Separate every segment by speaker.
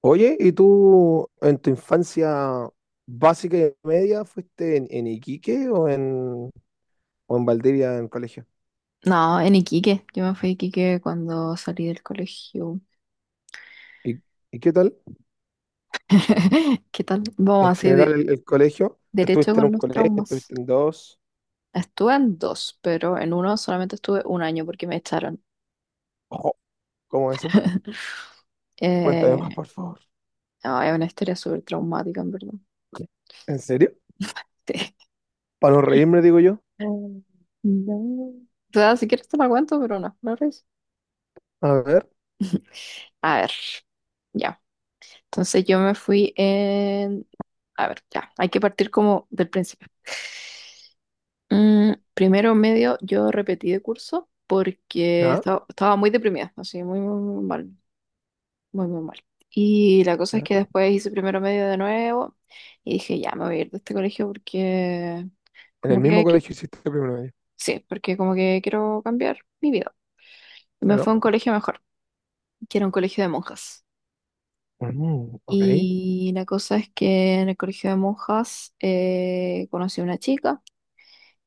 Speaker 1: Oye, ¿y tú en tu infancia básica y media fuiste en Iquique o en Valdivia en colegio?
Speaker 2: No, en Iquique. Yo me fui a Iquique cuando salí del colegio.
Speaker 1: ¿Y, y qué tal?
Speaker 2: ¿Qué tal?
Speaker 1: En
Speaker 2: Vamos así,
Speaker 1: general el colegio,
Speaker 2: derecho
Speaker 1: ¿estuviste en un
Speaker 2: con los
Speaker 1: colegio,
Speaker 2: traumas.
Speaker 1: estuviste en dos?
Speaker 2: Estuve en dos, pero en uno solamente estuve un año porque me echaron.
Speaker 1: Ojo, ¿cómo eso? Cuéntame
Speaker 2: Eh,
Speaker 1: más, por favor.
Speaker 2: no, es una historia súper traumática, en verdad.
Speaker 1: ¿En serio?
Speaker 2: Sí.
Speaker 1: Para no reírme, digo yo.
Speaker 2: Mm. No. O sea, si quieres te la cuento, pero no, no res-
Speaker 1: A ver,
Speaker 2: A ver, ya. Entonces yo me fui en... A ver, ya. Hay que partir como del principio. Mm, primero medio yo repetí de curso porque
Speaker 1: ya,
Speaker 2: estaba muy deprimida, así muy, muy, muy mal, muy, muy mal. Y la cosa es
Speaker 1: ya.
Speaker 2: que después hice primero medio de nuevo y dije, ya me voy a ir de este colegio porque
Speaker 1: En el
Speaker 2: como
Speaker 1: mismo
Speaker 2: que,
Speaker 1: colegio hiciste primero medio.
Speaker 2: sí, porque como que quiero cambiar mi vida. Y me
Speaker 1: Claro.
Speaker 2: fue a un colegio mejor, que era un colegio de monjas.
Speaker 1: Mm, ok,
Speaker 2: Y la cosa es que en el colegio de monjas conocí a una chica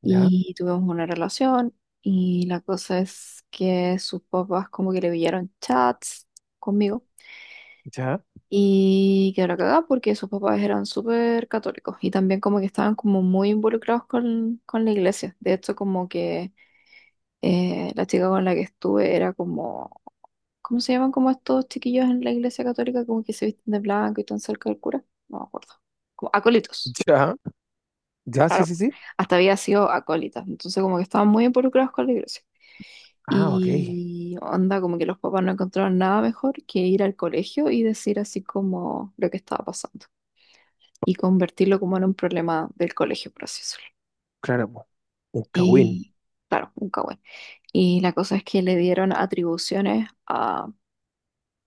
Speaker 1: ya,
Speaker 2: y tuvimos una relación y la cosa es que sus papás como que le pillaron chats conmigo
Speaker 1: ya,
Speaker 2: y quedó la cagada porque sus papás eran súper católicos y también como que estaban como muy involucrados con la iglesia. De hecho como que la chica con la que estuve era como, ¿cómo se llaman como estos chiquillos en la iglesia católica como que se visten de blanco y tan cerca del cura? No me acuerdo. Como acólitos.
Speaker 1: ya. Ya, sí,
Speaker 2: Claro,
Speaker 1: sí, sí.
Speaker 2: hasta había sido acólita, entonces como que estaban muy involucrados con la iglesia.
Speaker 1: Ah, ok.
Speaker 2: Y onda, como que los papás no encontraron nada mejor que ir al colegio y decir así como lo que estaba pasando y convertirlo como en un problema del colegio, por así decirlo.
Speaker 1: Claro, pues. Un Cagüín.
Speaker 2: Y claro, un cagüen. Y la cosa es que le dieron atribuciones a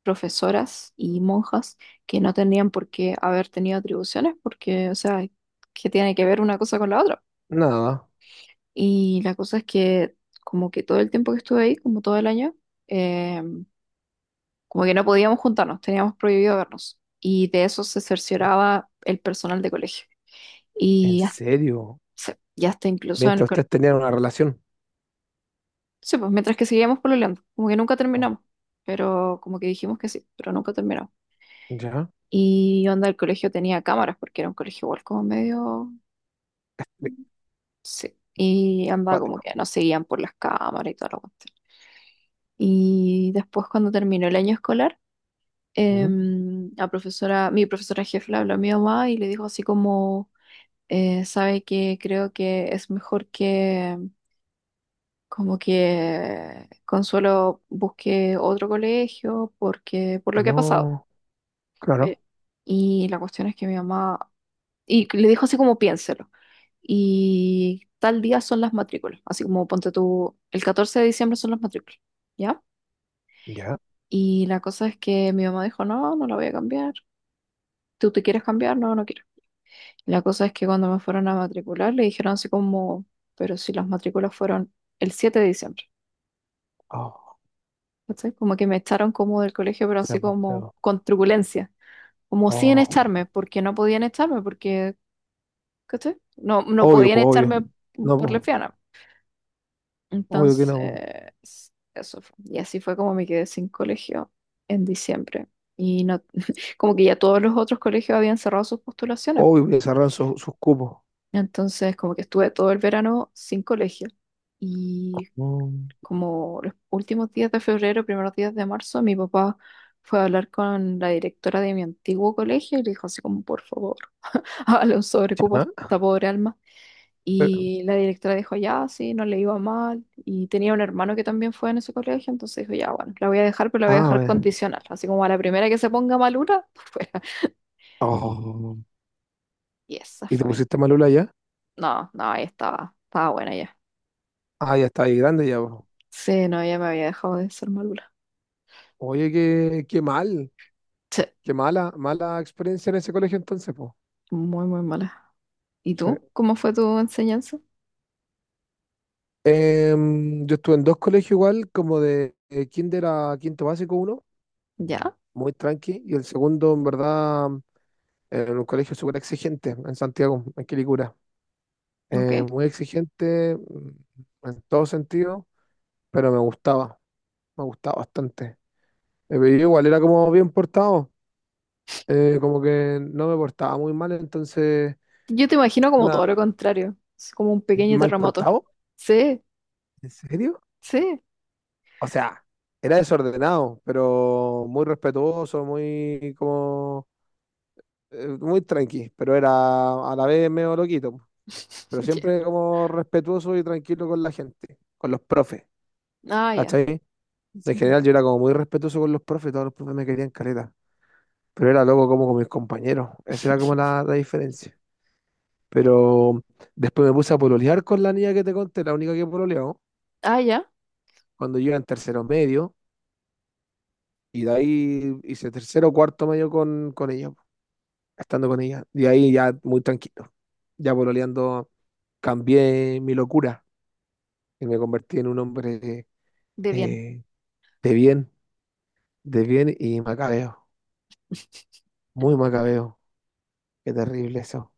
Speaker 2: profesoras y monjas que no tenían por qué haber tenido atribuciones porque, o sea, ¿qué tiene que ver una cosa con la otra?
Speaker 1: Nada.
Speaker 2: Y la cosa es que como que todo el tiempo que estuve ahí, como todo el año, eh, como que no podíamos juntarnos, teníamos prohibido vernos. Y de eso se cercioraba el personal de colegio.
Speaker 1: ¿En
Speaker 2: Y hasta,
Speaker 1: serio?
Speaker 2: y hasta incluso en el
Speaker 1: Mientras
Speaker 2: colegio.
Speaker 1: ustedes tenían una relación.
Speaker 2: Sí, pues mientras que seguíamos pololeando, como que nunca
Speaker 1: Oh,
Speaker 2: terminamos, pero como que dijimos que sí, pero nunca terminamos.
Speaker 1: ¿ya?
Speaker 2: Y onda, el colegio tenía cámaras porque era un colegio igual como medio...
Speaker 1: Qué
Speaker 2: Sí, y andaba como
Speaker 1: cuático.
Speaker 2: que nos seguían por las cámaras y todo lo cuestión. Y después cuando terminó el año escolar,
Speaker 1: ¿Mm?
Speaker 2: la profesora, mi profesora jefe le habló a mi mamá y le dijo así como, sabe que creo que es mejor que como que Consuelo busque otro colegio porque por lo que ha pasado.
Speaker 1: No,
Speaker 2: Eh,
Speaker 1: claro.
Speaker 2: y la cuestión es que mi mamá, y le dijo así como piénselo. Y tal día son las matrículas, así como ponte tú, el 14 de diciembre son las matrículas, ¿ya?
Speaker 1: ¿Ya?
Speaker 2: Y la cosa es que mi mamá dijo, no, no la voy a cambiar. ¿Tú te quieres cambiar? No, no quiero. La cosa es que cuando me fueron a matricular le dijeron así como, pero si las matrículas fueron el 7 de diciembre,
Speaker 1: Oh,
Speaker 2: ¿cachai? Como que me echaron como del colegio, pero así
Speaker 1: sebo.
Speaker 2: como
Speaker 1: Sepo.
Speaker 2: con truculencia, como sin
Speaker 1: Oh,
Speaker 2: echarme, porque no podían echarme, porque, ¿cachai? No, no
Speaker 1: obvio,
Speaker 2: podían
Speaker 1: po, obvio.
Speaker 2: echarme
Speaker 1: No,
Speaker 2: por
Speaker 1: po,
Speaker 2: lesbiana.
Speaker 1: obvio que no, po.
Speaker 2: Entonces, eso fue. Y así fue como me quedé sin colegio en diciembre. Y no, como que ya todos los otros colegios habían cerrado sus postulaciones.
Speaker 1: Obvio que cerraron sus cupos.
Speaker 2: Entonces, como que estuve todo el verano sin colegio. Y
Speaker 1: Mm,
Speaker 2: como los últimos días de febrero, primeros días de marzo, mi papá fue a hablar con la directora de mi antiguo colegio y le dijo así como, por favor, hágale un sobrecupo a
Speaker 1: ¿ya?
Speaker 2: esta pobre alma.
Speaker 1: Eh,
Speaker 2: Y la directora dijo, ya, sí, no le iba mal. Y tenía un hermano que también fue en ese colegio, entonces dijo, ya, bueno, la voy a dejar, pero la voy a
Speaker 1: Ah,
Speaker 2: dejar
Speaker 1: bueno.
Speaker 2: condicional. Así como a la primera que se ponga malura, por fuera.
Speaker 1: Oh.
Speaker 2: Y esa
Speaker 1: ¿Y te
Speaker 2: fue mi...
Speaker 1: pusiste malula ya?
Speaker 2: No, no, ahí estaba, estaba buena ya.
Speaker 1: Ah, ya está ahí grande ya, po.
Speaker 2: Sí, no, ya me había dejado de ser malura.
Speaker 1: Oye, qué mal.
Speaker 2: Sí,
Speaker 1: Qué mala, mala experiencia en ese colegio entonces, po.
Speaker 2: muy, muy mala. ¿Y
Speaker 1: Sí.
Speaker 2: tú? ¿Cómo fue tu enseñanza?
Speaker 1: Yo estuve en dos colegios igual, como de kinder a quinto básico uno,
Speaker 2: Ya,
Speaker 1: muy tranqui, y el segundo en verdad en un colegio súper exigente en Santiago, en Quilicura.
Speaker 2: ok.
Speaker 1: Muy exigente en todo sentido, pero me gustaba bastante. Pero yo igual era como bien portado, como que no me portaba muy mal, entonces,
Speaker 2: Yo te imagino como
Speaker 1: una,
Speaker 2: todo lo contrario, es como un pequeño
Speaker 1: ¿mal
Speaker 2: terremoto.
Speaker 1: portado?
Speaker 2: Sí,
Speaker 1: ¿En serio?
Speaker 2: sí.
Speaker 1: O sea, era desordenado, pero muy respetuoso, muy como muy tranqui, pero era a la vez medio loquito, po. Pero
Speaker 2: Ya.
Speaker 1: siempre como respetuoso y tranquilo con la gente, con los profes,
Speaker 2: Ah, ya.
Speaker 1: ¿cachai? En
Speaker 2: Ujú.
Speaker 1: general yo era como muy respetuoso con los profes, todos los profes me querían caleta, pero era loco como con mis compañeros, esa era como la diferencia. Pero después me puse a pololear con la niña que te conté, la única que pololeó,
Speaker 2: Ah, ya,
Speaker 1: cuando yo iba en tercero medio, y de ahí hice tercero cuarto medio con ella, estando con ella. Y ahí ya muy tranquilo. Ya pololeando, cambié mi locura y me convertí en un hombre
Speaker 2: de bien.
Speaker 1: eh, de bien, de bien y macabeo. Muy macabeo. Qué terrible eso.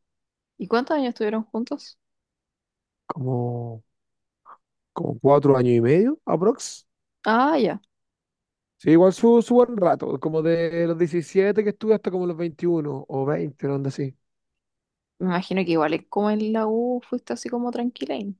Speaker 2: ¿Y cuántos años estuvieron juntos?
Speaker 1: Como, como 4 años y medio, aprox.
Speaker 2: Ah, ya.
Speaker 1: Sí, igual su buen rato, como de los 17 que estuve hasta como los 21 o 20 una onda así.
Speaker 2: Me imagino que igual como en la U fuiste así como tranquila. Y-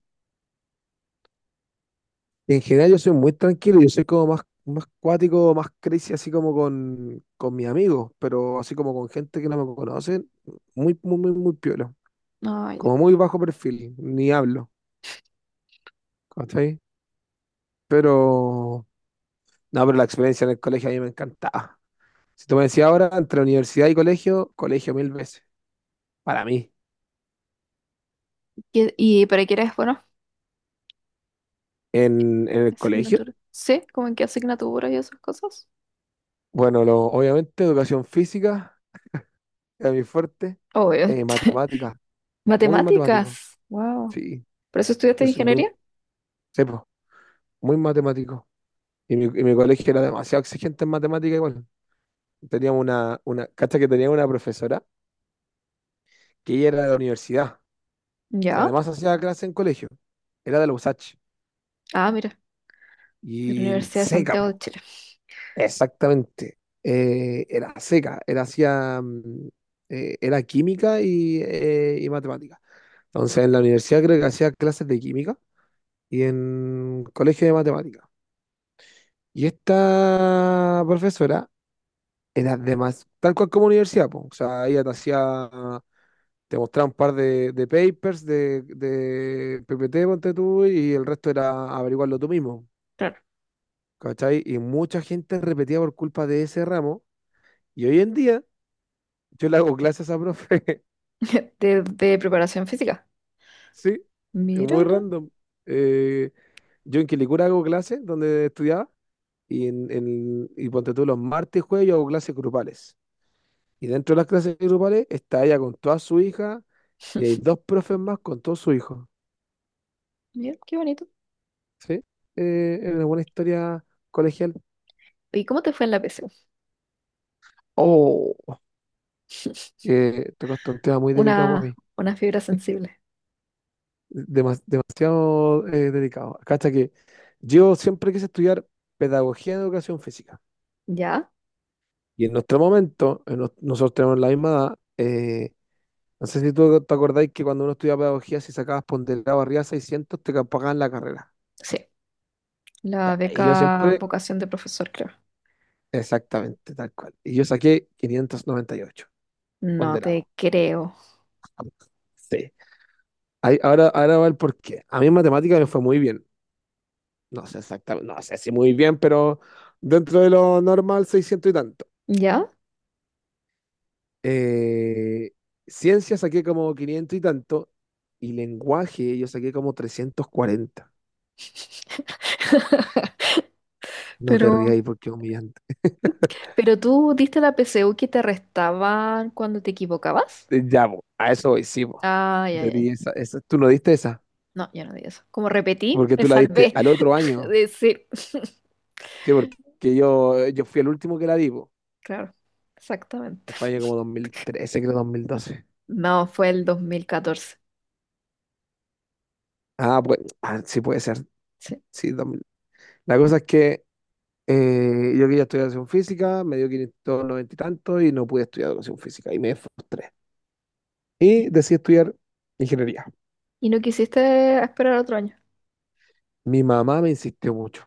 Speaker 1: En general yo soy muy tranquilo, yo soy como más cuático, más crazy, así como con mis amigos, pero así como con gente que no me conocen, muy, muy, muy, muy piola.
Speaker 2: Ah, ya.
Speaker 1: Como muy bajo perfil, ni hablo, ¿cachai? Pero, no, pero la experiencia en el colegio a mí me encantaba. Si tú me decías ahora, entre universidad y colegio, colegio mil veces, para mí.
Speaker 2: ¿Qué- ¿Y para qué eres bueno?
Speaker 1: En el colegio,
Speaker 2: Asignatura. Sí, como en qué asignaturas y esas cosas.
Speaker 1: bueno, obviamente educación física era mi fuerte,
Speaker 2: Obvio.
Speaker 1: matemáticas, muy matemático,
Speaker 2: Matemáticas. Wow.
Speaker 1: sí,
Speaker 2: ¿Por eso estudiaste
Speaker 1: yo soy muy...
Speaker 2: ingeniería?
Speaker 1: sí, po. Muy matemático. Y mi colegio era demasiado exigente en matemática igual. Teníamos cacha que tenía una profesora que ella era de la universidad y
Speaker 2: Ya.
Speaker 1: además hacía clase en colegio. Era de la USACH
Speaker 2: Ah, mira, de la
Speaker 1: y
Speaker 2: Universidad de
Speaker 1: seca,
Speaker 2: Santiago de
Speaker 1: po.
Speaker 2: Chile.
Speaker 1: Exactamente. Era seca, era química y matemática. Entonces en la universidad creo que hacía clases de química y en colegio de matemática. Y esta profesora era de más, tal cual como universidad, po. O sea, ella te mostraba un par de papers de PPT, ponte tú, y el resto era averiguarlo tú mismo,
Speaker 2: Claro.
Speaker 1: ¿cachai? Y mucha gente repetía por culpa de ese ramo, y hoy en día yo le hago clases a esa profe,
Speaker 2: De preparación física.
Speaker 1: sí, es muy
Speaker 2: Míralo,
Speaker 1: random. Eh, yo en Quilicura hago clases donde estudiaba, y ponte tú los martes y jueves yo hago clases grupales. Y dentro de las clases grupales está ella con toda su hija y hay dos profes más con todos sus hijos.
Speaker 2: mira, qué bonito.
Speaker 1: ¿Sí? Es una buena historia colegial.
Speaker 2: ¿Y cómo te fue en la PSU?
Speaker 1: Oh, que tocaste un tema muy delicado para mí.
Speaker 2: Una fibra sensible.
Speaker 1: Demasiado delicado. Cacha que yo siempre quise estudiar pedagogía en educación física.
Speaker 2: ¿Ya?
Speaker 1: Y en nuestro momento, nosotros tenemos la misma edad. No sé si tú te acordáis que cuando uno estudiaba pedagogía, si sacabas ponderado arriba de 600 te pagaban la carrera.
Speaker 2: Sí.
Speaker 1: Ya,
Speaker 2: La
Speaker 1: y yo
Speaker 2: beca
Speaker 1: siempre.
Speaker 2: vocación de profesor, creo.
Speaker 1: Exactamente, tal cual. Y yo saqué 598
Speaker 2: No
Speaker 1: ponderado.
Speaker 2: te creo.
Speaker 1: Sí. Ahora va el porqué. A mí en matemática me fue muy bien. No sé exactamente, no sé si muy bien, pero dentro de lo normal, 600 y tanto.
Speaker 2: ¿Ya?
Speaker 1: Eh, Ciencia saqué como 500 y tanto. Y lenguaje yo saqué como 340. No te
Speaker 2: Pero,
Speaker 1: rías ahí porque es humillante.
Speaker 2: pero tú diste la PSU que te restaban cuando te equivocabas.
Speaker 1: Ya, po, a eso voy, sí, po.
Speaker 2: Ah, ya,
Speaker 1: Yo
Speaker 2: ya. Ya.
Speaker 1: di esa, tú no diste esa,
Speaker 2: No, ya no di eso. Como repetí,
Speaker 1: porque
Speaker 2: me
Speaker 1: tú la diste
Speaker 2: salvé
Speaker 1: al otro
Speaker 2: de
Speaker 1: año.
Speaker 2: decir.
Speaker 1: Sí, porque yo fui el último que la vi, po,
Speaker 2: Claro, exactamente.
Speaker 1: que fue año como 2013, creo 2012.
Speaker 2: No, fue el 2014.
Speaker 1: Ah, pues, ah, sí puede ser.
Speaker 2: Sí.
Speaker 1: Sí, 2000. La cosa es que yo quería estudiar educación física, me dio 590 y tanto y no pude estudiar educación física y me frustré. Y decidí estudiar ingeniería.
Speaker 2: ¿Y no quisiste esperar otro año?
Speaker 1: Mi mamá me insistió mucho.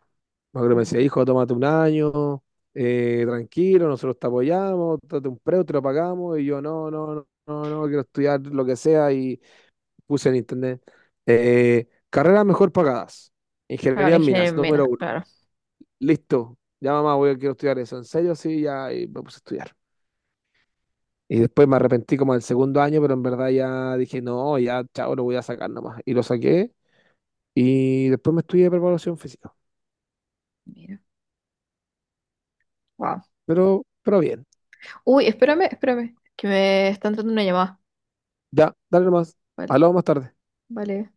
Speaker 1: Me acuerdo que me
Speaker 2: Ujú.
Speaker 1: decía, hijo, tómate un año, tranquilo, nosotros te apoyamos, tómate un preu, te lo pagamos. Y yo, no, no, no, no, no, quiero estudiar lo que sea y puse en internet. Carreras mejor pagadas.
Speaker 2: Claro,
Speaker 1: Ingeniería en minas,
Speaker 2: ingeniero en minas,
Speaker 1: número uno.
Speaker 2: claro.
Speaker 1: Listo. Ya mamá, voy a quiero estudiar eso. ¿En serio? Sí, ya y me puse a estudiar. Y después me arrepentí como del segundo año, pero en verdad ya dije, no, ya, chao, lo voy a sacar nomás. Y lo saqué. Y después me estudié preparación física.
Speaker 2: Mira. Wow.
Speaker 1: Pero bien.
Speaker 2: Uy, espérame, espérame, que me está entrando una llamada.
Speaker 1: Ya, dale nomás.
Speaker 2: Vale,
Speaker 1: Hablamos más tarde.
Speaker 2: vale.